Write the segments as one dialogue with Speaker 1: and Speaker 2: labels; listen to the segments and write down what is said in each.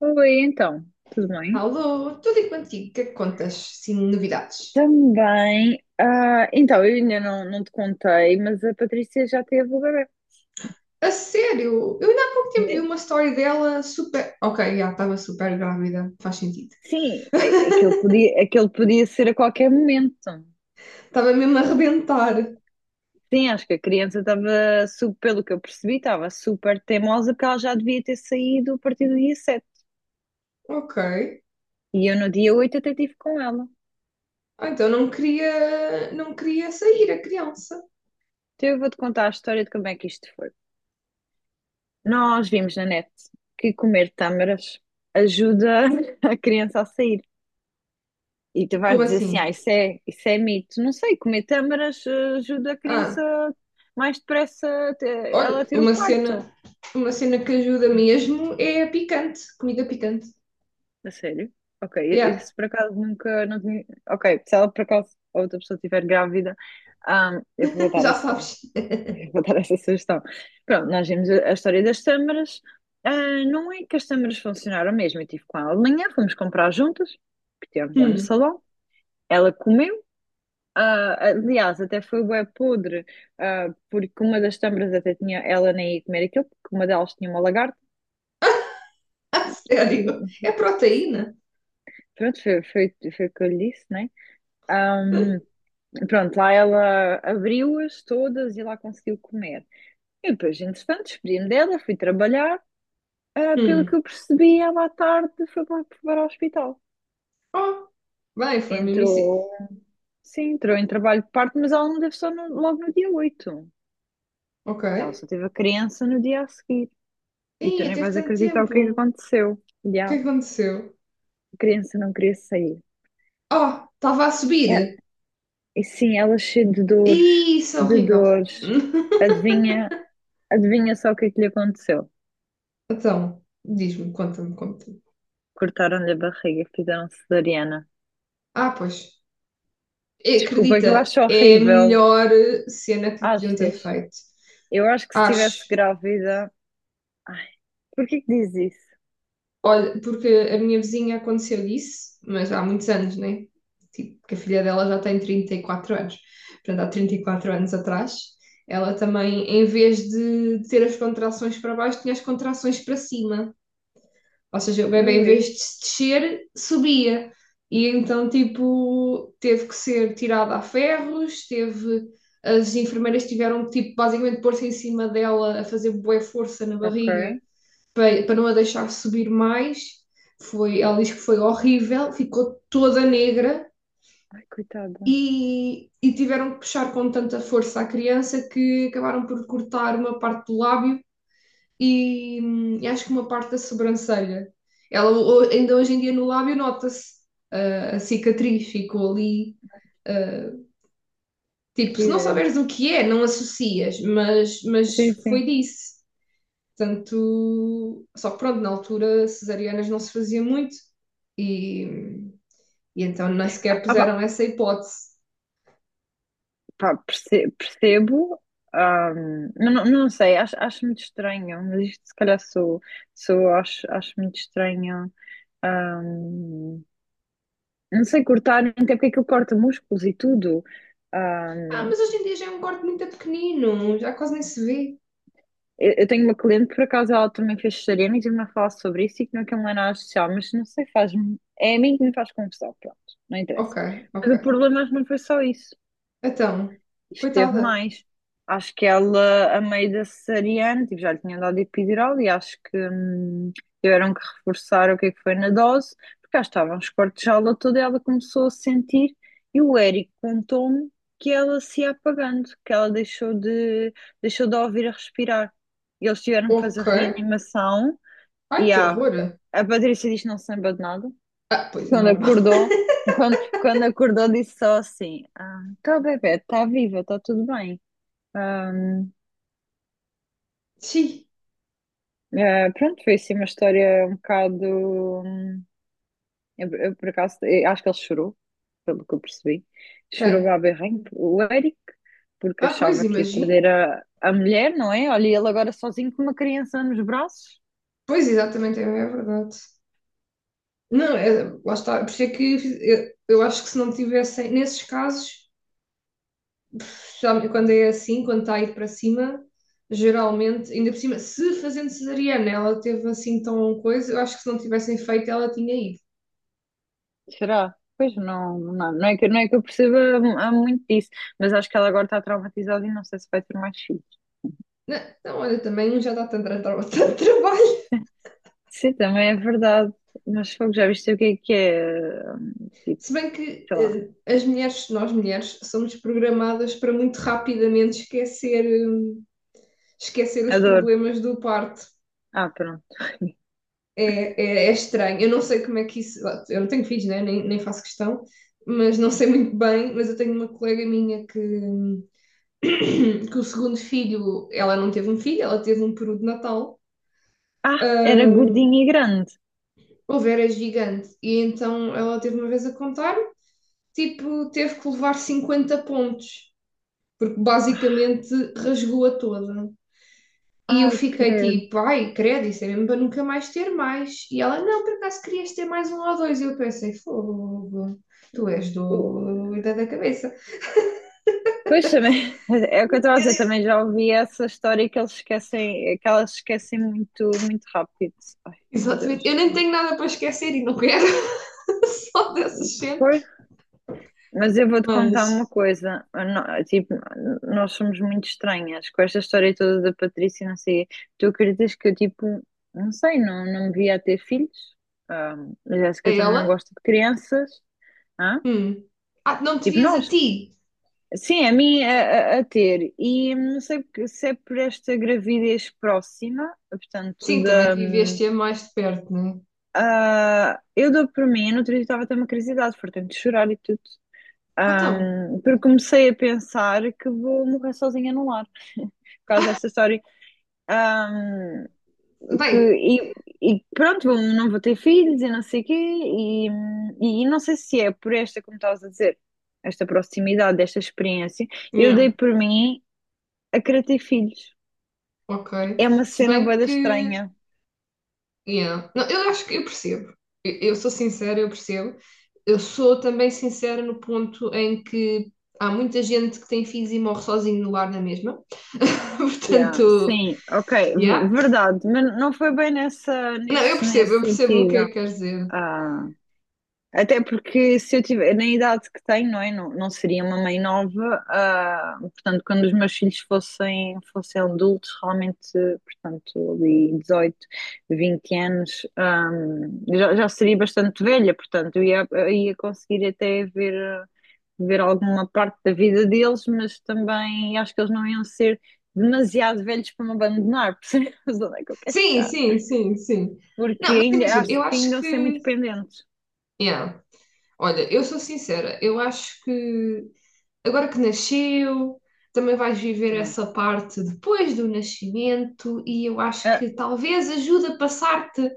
Speaker 1: Oi, então, tudo bem?
Speaker 2: Alô, tudo e contigo, o que é que contas? Sim, novidades.
Speaker 1: Também, então, eu ainda não te contei, mas a Patrícia já teve o bebê.
Speaker 2: A sério, eu ainda há pouco tempo vi
Speaker 1: De-
Speaker 2: uma história dela super. Ok, já estava super grávida, faz sentido.
Speaker 1: Sim, aquele podia, aquele podia ser a qualquer momento.
Speaker 2: Estava mesmo a arrebentar.
Speaker 1: Sim, acho que a criança estava, pelo que eu percebi, estava super teimosa porque ela já devia ter saído a partir do dia 7.
Speaker 2: Ok.
Speaker 1: E eu no dia 8 até estive com ela.
Speaker 2: Ah, então não queria sair a criança.
Speaker 1: Então eu vou-te contar a história de como é que isto foi. Nós vimos na net que comer tâmaras ajuda a criança a sair. E tu vais
Speaker 2: Como
Speaker 1: dizer assim,
Speaker 2: assim?
Speaker 1: isso é mito. Não sei, comer tâmaras ajuda a
Speaker 2: Ah,
Speaker 1: criança mais depressa ela a
Speaker 2: olha,
Speaker 1: ter o
Speaker 2: uma
Speaker 1: parto.
Speaker 2: cena, uma cena que ajuda
Speaker 1: Hum.
Speaker 2: mesmo é a picante, comida picante.
Speaker 1: A sério? Ok,
Speaker 2: Yeah,
Speaker 1: isso por acaso nunca, não tinha. Ok, se ela por acaso a outra pessoa estiver grávida, ah, eu vou dar
Speaker 2: já
Speaker 1: essa,
Speaker 2: sabes.
Speaker 1: eu vou dar essa sugestão. Pronto, nós vimos a história das tâmaras. Ah, não é que as tâmaras funcionaram mesmo, eu estive com ela de manhã, fomos comprar juntas, que tínhamos lá no
Speaker 2: Hum,
Speaker 1: salão. Ela comeu. Ah, aliás, até foi bué podre, porque uma das câmaras até tinha, ela nem ia comer aquilo, porque uma delas tinha uma lagarta,
Speaker 2: a sério, é
Speaker 1: e
Speaker 2: proteína.
Speaker 1: pronto, foi o que eu lhe disse, né? Ahm, Pronto, lá ela abriu-as todas e lá conseguiu comer. E depois, entretanto, despedi-me dela, fui trabalhar, pelo que
Speaker 2: Hum.
Speaker 1: eu percebi, ela à tarde foi para, o hospital.
Speaker 2: Oh, bem, foi mesmo isso.
Speaker 1: Entrou, sim, entrou em trabalho de parto, mas ela não teve só logo no dia 8.
Speaker 2: Ok.
Speaker 1: Ela só teve a criança no dia a seguir. E tu
Speaker 2: Ih,
Speaker 1: nem
Speaker 2: teve
Speaker 1: vais
Speaker 2: tanto
Speaker 1: acreditar o
Speaker 2: tempo.
Speaker 1: que é que
Speaker 2: O
Speaker 1: aconteceu. E
Speaker 2: que
Speaker 1: a
Speaker 2: aconteceu?
Speaker 1: criança não queria sair.
Speaker 2: Oh, estava a subir.
Speaker 1: É- e sim, ela é cheia de dores,
Speaker 2: Ih, isso é
Speaker 1: de
Speaker 2: horrível.
Speaker 1: dores. Adivinha, adivinha só o que é que lhe aconteceu?
Speaker 2: Então, diz-me, conta-me.
Speaker 1: Cortaram-lhe a barriga, fizeram cesariana.
Speaker 2: Ah, pois.
Speaker 1: Desculpa, que eu
Speaker 2: Acredita,
Speaker 1: acho
Speaker 2: é a
Speaker 1: horrível.
Speaker 2: melhor cena que lhe podiam ter
Speaker 1: Achas?
Speaker 2: feito.
Speaker 1: Eu acho que se estivesse
Speaker 2: Acho.
Speaker 1: grávida. Ai, porquê que diz isso?
Speaker 2: Olha, porque a minha vizinha aconteceu isso, mas há muitos anos, né? Tipo, que a filha dela já tem 34 anos. Portanto, há 34 anos atrás, ela também, em vez de ter as contrações para baixo, tinha as contrações para cima. Ou seja, o
Speaker 1: Não
Speaker 2: bebê, em
Speaker 1: li.
Speaker 2: vez de se descer, subia. E então, tipo, teve que ser tirada a ferros, teve. As enfermeiras tiveram que, tipo, basicamente pôr-se em cima dela a fazer bué força na
Speaker 1: Ok.
Speaker 2: barriga para não a deixar subir mais. Foi, ela diz que foi horrível, ficou toda negra
Speaker 1: Ai, coitada.
Speaker 2: e tiveram que puxar com tanta força a criança que acabaram por cortar uma parte do lábio e acho que uma parte da sobrancelha. Ela ainda hoje em dia no lábio nota-se a cicatriz, ficou ali. ah, tipo,
Speaker 1: Que
Speaker 2: se não
Speaker 1: irado.
Speaker 2: saberes o que é, não associas, mas
Speaker 1: Sim,
Speaker 2: foi
Speaker 1: sim.
Speaker 2: disso. Portanto, só que pronto, na altura cesarianas não se fazia muito e, e então nem sequer
Speaker 1: Ah,
Speaker 2: puseram
Speaker 1: pá.
Speaker 2: essa hipótese.
Speaker 1: Percebo, mas não sei, acho muito estranho, mas isto se calhar sou acho muito estranho. ahm, não sei cortar, até porque aquilo corta músculos e tudo.
Speaker 2: Ah,
Speaker 1: Ahm,
Speaker 2: mas hoje em dia já é um corte muito pequenino, já quase nem se vê.
Speaker 1: eu tenho uma cliente, por acaso, ela também fez cesariana e tive-me a falar sobre isso e que não é nada social, mas não sei, faz-me, é a mim que me faz confusão, pronto, não
Speaker 2: Ok,
Speaker 1: interessa. Mas o
Speaker 2: ok.
Speaker 1: problema não foi só isso.
Speaker 2: Então,
Speaker 1: Esteve
Speaker 2: coitada.
Speaker 1: mais. Acho que ela, a meio da cesariana, tipo, já lhe tinha dado epidural e acho que tiveram que reforçar o que é que foi na dose, porque já estavam os cortes de aula toda e ela começou a sentir. E o Eric contou-me que ela se ia apagando, que ela deixou de a ouvir a respirar. E eles tiveram que
Speaker 2: Ok.
Speaker 1: fazer reanimação
Speaker 2: Ai,
Speaker 1: e
Speaker 2: que horror.
Speaker 1: a Patrícia disse que não se lembra de nada.
Speaker 2: Ah, pois é
Speaker 1: Quando
Speaker 2: normal.
Speaker 1: acordou, quando acordou, disse só assim, tá bebê, está viva, está tudo bem. Ahm,
Speaker 2: Sim,
Speaker 1: pronto, foi assim uma história um bocado. Eu, por acaso, eu acho que ele chorou, pelo que eu percebi. Chorou
Speaker 2: quem?
Speaker 1: à berrinho, o Eric, porque
Speaker 2: Ah, pois,
Speaker 1: achava que ia
Speaker 2: imagino.
Speaker 1: perder a mulher, não é? Olha, ele agora sozinho com uma criança nos braços.
Speaker 2: Pois, exatamente, é é verdade. Não, é, lá está. Por isso é que eu acho que se não tivessem, nesses casos, sabe, quando é assim, quando está a ir para cima, geralmente, ainda por cima, se fazendo cesariana ela teve assim tão coisa, eu acho que se não tivessem feito ela tinha ido.
Speaker 1: Será? Pois não, não é que eu perceba há muito disso, mas acho que ela agora está traumatizada e não sei se vai ter mais filhos.
Speaker 2: Não, não, olha, também um já dá tanto, tanto trabalho.
Speaker 1: Sim, também é verdade, mas fogo, já viste o que é, tipo,
Speaker 2: Se bem que
Speaker 1: sei lá,
Speaker 2: as mulheres, nós mulheres, somos programadas para muito rapidamente esquecer, esquecer os
Speaker 1: a dor.
Speaker 2: problemas do parto.
Speaker 1: Ah, pronto.
Speaker 2: É estranho. Eu não sei como é que isso. Eu não tenho filhos, né? Nem faço questão, mas não sei muito bem. Mas eu tenho uma colega minha que, que o segundo filho, ela não teve um filho, ela teve um peru de Natal.
Speaker 1: Ah, era
Speaker 2: Ahm,
Speaker 1: gordinho e grande.
Speaker 2: Houve é gigante. E então ela teve uma vez a contar, tipo, teve que levar 50 pontos, porque basicamente rasgou-a toda. E eu
Speaker 1: Ai,
Speaker 2: fiquei
Speaker 1: credo.
Speaker 2: tipo, ai, credo, isso é mesmo para nunca mais ter mais. E ela, não, por acaso querias ter mais um ou dois. E eu pensei, fogo, tu és do da cabeça.
Speaker 1: Pois também, é o que eu estava a
Speaker 2: Eu
Speaker 1: dizer,
Speaker 2: digo,
Speaker 1: também já ouvi essa história que eles esquecem, que elas esquecem muito, muito rápido. Ai, meu
Speaker 2: exatamente,
Speaker 1: Deus.
Speaker 2: eu nem tenho nada para esquecer e não quero só dessas cenas.
Speaker 1: Pois, mas eu vou-te contar uma
Speaker 2: Mas
Speaker 1: coisa. Eu não- Tipo, nós somos muito estranhas com esta história toda da Patrícia, e não sei. Tu acreditas que eu, tipo, não sei, não me via a ter filhos? Ah, a
Speaker 2: a
Speaker 1: Jéssica também não
Speaker 2: ela?
Speaker 1: gosta de crianças. Hã?
Speaker 2: Hum. Ah, não te
Speaker 1: Tipo,
Speaker 2: vias a
Speaker 1: nós.
Speaker 2: ti?
Speaker 1: Sim, a mim a ter. E não sei se é por esta gravidez próxima, portanto,
Speaker 2: Sim, também
Speaker 1: da.
Speaker 2: viveste-a mais de perto, não é?
Speaker 1: Eu dou por mim, eu no outro dia estava a ter uma curiosidade, portanto, de chorar e tudo.
Speaker 2: Então,
Speaker 1: Porque comecei a pensar que vou morrer sozinha num lar, por causa desta história. Hum, que,
Speaker 2: bem,
Speaker 1: e, e pronto, não vou ter filhos e não sei o quê, e não sei se é por esta, como estavas a dizer, esta proximidade, esta experiência. Eu dei
Speaker 2: não,
Speaker 1: por mim a querer ter filhos.
Speaker 2: ok.
Speaker 1: É uma
Speaker 2: Se
Speaker 1: cena bué
Speaker 2: bem
Speaker 1: da
Speaker 2: que.
Speaker 1: estranha.
Speaker 2: Yeah. Não, eu acho que eu percebo. Eu sou sincera, eu percebo. Eu sou também sincera no ponto em que há muita gente que tem filhos e morre sozinho no lar na mesma.
Speaker 1: Yeah,
Speaker 2: Portanto,
Speaker 1: sim, ok,
Speaker 2: yeah.
Speaker 1: verdade, mas não foi bem nessa,
Speaker 2: Não,
Speaker 1: nesse, nesse
Speaker 2: eu percebo o que é
Speaker 1: sentido.
Speaker 2: que queres dizer.
Speaker 1: Ah, até porque se eu tiver, na idade que tenho, não é? Não seria uma mãe nova, portanto, quando os meus filhos fossem adultos, realmente, portanto, ali 18, 20 anos, já seria bastante velha, portanto, eu ia conseguir até ver alguma parte da vida deles, mas também acho que eles não iam ser demasiado velhos para me abandonar, percebes onde é que eu quero
Speaker 2: Sim,
Speaker 1: chegar?
Speaker 2: sim, sim, sim.
Speaker 1: Porque
Speaker 2: Não, mas
Speaker 1: ainda
Speaker 2: imagina,
Speaker 1: acho
Speaker 2: eu
Speaker 1: que
Speaker 2: acho
Speaker 1: ainda iam ser muito
Speaker 2: que.
Speaker 1: dependentes.
Speaker 2: Yeah. Olha, eu sou sincera, eu acho que agora que nasceu, também vais viver
Speaker 1: Hum.
Speaker 2: essa parte depois do nascimento, e eu acho
Speaker 1: Ah,
Speaker 2: que talvez ajude a passar-te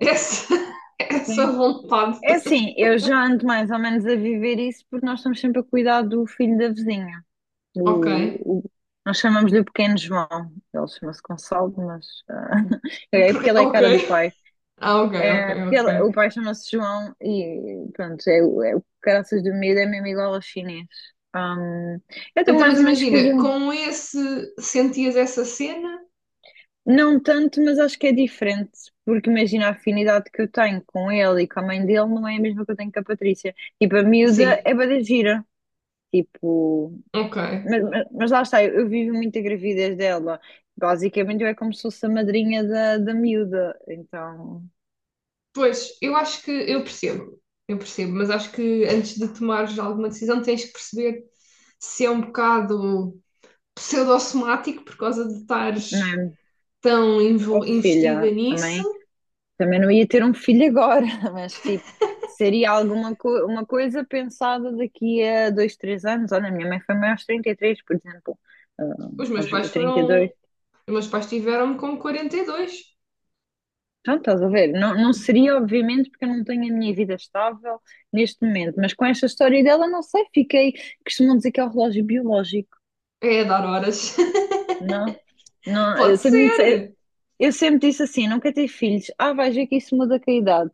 Speaker 2: essa, essa
Speaker 1: sim.
Speaker 2: vontade.
Speaker 1: É assim, eu já ando mais ou menos a viver isso porque nós estamos sempre a cuidar do filho da vizinha.
Speaker 2: Ok,
Speaker 1: O, o- nós chamamos-lhe o pequeno João. Ele chama-se Gonçalo, mas é porque ele é a
Speaker 2: ok,
Speaker 1: cara do pai.
Speaker 2: ah, ok, ok,
Speaker 1: É, porque
Speaker 2: ok.
Speaker 1: o pai chama-se João e pronto, é, o caraças do medo é mesmo igual ao chinês. Hum, eu estou
Speaker 2: Então,
Speaker 1: mais
Speaker 2: mas
Speaker 1: ou menos que a
Speaker 2: imagina,
Speaker 1: João.
Speaker 2: com esse sentias essa cena?
Speaker 1: Não tanto, mas acho que é diferente, porque imagina a afinidade que eu tenho com ele e com a mãe dele não é a mesma que eu tenho com a Patrícia. Tipo, a miúda
Speaker 2: Sim,
Speaker 1: é bué da gira, tipo,
Speaker 2: ok.
Speaker 1: mas lá está, eu vivo muito a gravidez dela. Basicamente, eu é como se fosse a madrinha da miúda, então,
Speaker 2: Pois, eu acho que eu percebo, mas acho que antes de tomares alguma decisão tens que perceber se é um bocado, pseudo-somático por causa de
Speaker 1: não
Speaker 2: estares
Speaker 1: é?
Speaker 2: tão
Speaker 1: Oh,
Speaker 2: investida
Speaker 1: filha,
Speaker 2: nisso.
Speaker 1: também. Também não ia ter um filho agora, mas tipo, seria alguma co uma coisa pensada daqui a 2, 3 anos. Olha, a minha mãe foi mãe aos 33 por exemplo, ah,
Speaker 2: Os meus
Speaker 1: aos
Speaker 2: pais foram.
Speaker 1: 32.
Speaker 2: Os meus pais tiveram-me com 42.
Speaker 1: Então, estás a ver? Não seria, obviamente, porque eu não tenho a minha vida estável neste momento, mas com esta história dela, não sei, fiquei. Costumam dizer que é o relógio biológico,
Speaker 2: É dar horas.
Speaker 1: não? Não, eu
Speaker 2: Pode
Speaker 1: sempre, me disse-
Speaker 2: ser.
Speaker 1: eu sempre disse assim: não quero ter filhos. Ah, vais ver que isso muda com a idade.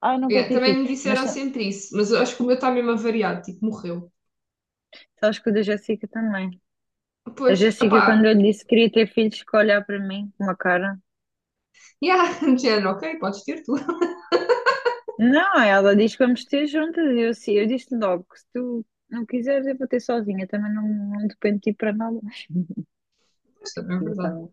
Speaker 1: Ah, não quero
Speaker 2: É,
Speaker 1: ter
Speaker 2: também
Speaker 1: filhos.
Speaker 2: me
Speaker 1: Mas
Speaker 2: disseram sempre isso, mas eu acho que o meu está mesmo avariado, tipo, morreu.
Speaker 1: sabes que o da Jéssica também. A
Speaker 2: Pois,
Speaker 1: Jéssica, quando
Speaker 2: opá,
Speaker 1: eu lhe disse que queria ter filhos, ficou a olhar para mim com uma cara.
Speaker 2: yeah, de género, ok, podes ter tu.
Speaker 1: Não, ela diz que vamos ter juntas. E eu, sim, eu disse logo que se tu não quiseres, eu vou ter sozinha. Também não dependo de ti para nada.
Speaker 2: Mas também é verdade.
Speaker 1: Então,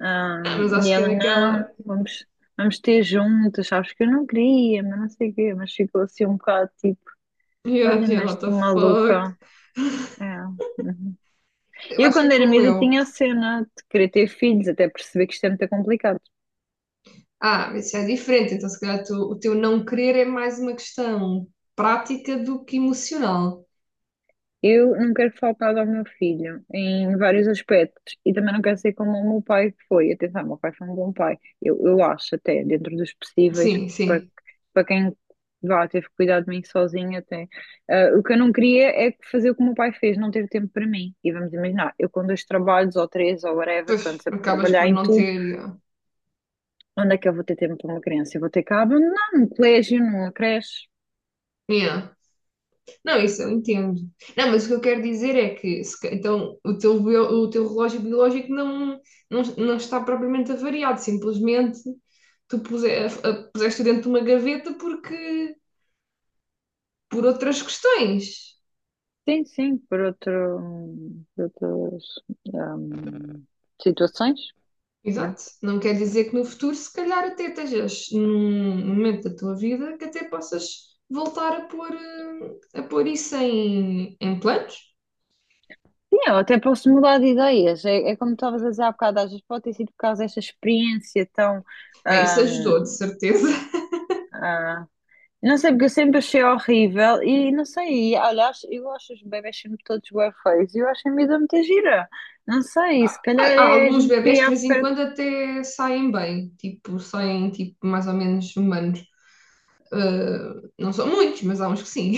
Speaker 1: ah,
Speaker 2: Ah, mas
Speaker 1: e
Speaker 2: acho que é
Speaker 1: ela, não,
Speaker 2: daquela,
Speaker 1: vamos ter juntas. Sabes que eu não queria, mas não sei o quê. Mas ficou assim um bocado tipo,
Speaker 2: yeah, de
Speaker 1: olha,
Speaker 2: género,
Speaker 1: mas
Speaker 2: what
Speaker 1: esta
Speaker 2: the fuck.
Speaker 1: maluca. É. Uhum.
Speaker 2: Eu
Speaker 1: Eu,
Speaker 2: acho que é
Speaker 1: quando era
Speaker 2: como
Speaker 1: miúda,
Speaker 2: eu.
Speaker 1: tinha a cena de querer ter filhos, até perceber que isto é muito complicado.
Speaker 2: Ah, isso é diferente. Então, se calhar, o teu não querer é mais uma questão prática do que emocional.
Speaker 1: Eu não quero faltar ao meu filho em vários aspectos e também não quero ser como o meu pai foi. Atenção, o meu pai foi um bom pai. Eu acho até, dentro dos possíveis,
Speaker 2: Sim,
Speaker 1: para,
Speaker 2: sim.
Speaker 1: para quem vá, teve que cuidar de mim sozinho até. Ah, o que eu não queria é fazer o que o meu pai fez, não ter tempo para mim. E vamos imaginar, eu com dois trabalhos ou três ou whatever,
Speaker 2: Pois
Speaker 1: que eu ando sempre a
Speaker 2: acabas
Speaker 1: trabalhar
Speaker 2: por
Speaker 1: em
Speaker 2: não
Speaker 1: tudo,
Speaker 2: ter. Yeah.
Speaker 1: onde é que eu vou ter tempo para uma criança? Eu vou ter que a abandonar num colégio, numa creche.
Speaker 2: Yeah. Não, isso eu entendo. Não, mas o que eu quero dizer é que se ca- então, o teu relógio biológico não está propriamente avariado, simplesmente tu puse- a- puseste dentro de uma gaveta porque por outras questões.
Speaker 1: Sim, sim, por outras hum, situações. Pronto.
Speaker 2: Exato. Não quer dizer que no futuro, se calhar, até estejas num momento da tua vida que até possas voltar a pôr, a pôr isso em planos.
Speaker 1: Sim, eu até posso mudar de ideias. É como estavas a dizer há bocado, às vezes pode ter sido por causa desta experiência tão.
Speaker 2: Ah, isso ajudou, de
Speaker 1: hum,
Speaker 2: certeza.
Speaker 1: ah, não sei, porque eu sempre achei horrível e não sei. E, olha, eu acho os bebés sempre todos bué feios e eu acho a vida muita gira. Não sei, se calhar
Speaker 2: Há
Speaker 1: é a
Speaker 2: alguns
Speaker 1: gente
Speaker 2: bebés que
Speaker 1: criar
Speaker 2: de vez em
Speaker 1: afeto.
Speaker 2: quando até saem bem, tipo, saem tipo, mais ou menos humanos. Ah, não são muitos, mas há uns que sim.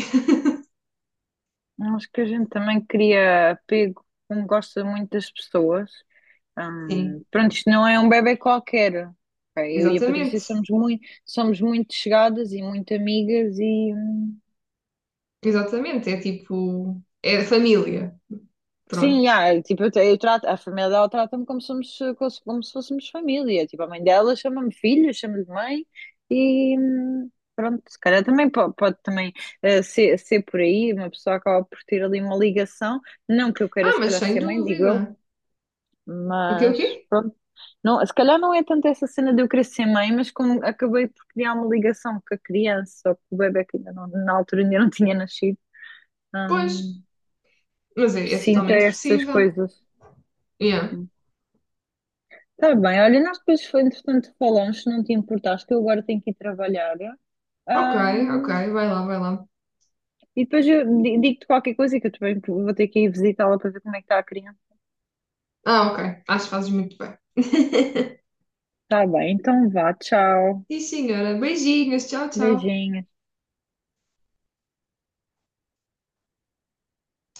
Speaker 1: Acho que a gente também cria apego, como gosta muito das pessoas. Hum,
Speaker 2: Sim,
Speaker 1: pronto, isto não é um bebé qualquer. Pá, eu e a Patrícia
Speaker 2: exatamente.
Speaker 1: somos muito chegadas e muito amigas e
Speaker 2: Exatamente. É tipo, é família. Pronto.
Speaker 1: sim, já, tipo, eu trato, a família dela trata-me como somos, como se fôssemos família. Tipo, a mãe dela chama-me filha, chama-me mãe e pronto, se calhar também pode, também ser por aí, uma pessoa acaba por ter ali uma ligação, não que eu queira
Speaker 2: Ah,
Speaker 1: se
Speaker 2: mas
Speaker 1: calhar
Speaker 2: sem
Speaker 1: ser mãe, digo eu.
Speaker 2: dúvida. O quê, o
Speaker 1: Mas
Speaker 2: quê?
Speaker 1: pronto, não, se calhar não é tanto essa cena de eu querer ser mãe, mas como acabei por criar uma ligação com a criança, ou com o bebé que ainda não, na altura ainda não tinha nascido,
Speaker 2: Pois.
Speaker 1: hum,
Speaker 2: Mas é
Speaker 1: sinto
Speaker 2: totalmente
Speaker 1: estas
Speaker 2: possível.
Speaker 1: coisas.
Speaker 2: Yeah.
Speaker 1: Sim. Tá bem, olha, nós depois foi entretanto falamos, se não te importaste, que eu agora tenho que ir trabalhar.
Speaker 2: Ok, ok,
Speaker 1: hum,
Speaker 2: vai lá, vai lá.
Speaker 1: e depois eu digo-te qualquer coisa, que eu também vou ter que ir visitá-la para ver como é que está a criança.
Speaker 2: Ah, ok, acho que fazes muito bem.
Speaker 1: Tá bem, então vá, tchau.
Speaker 2: Sim, senhora. Beijinhos, tchau, tchau.
Speaker 1: Beijinho.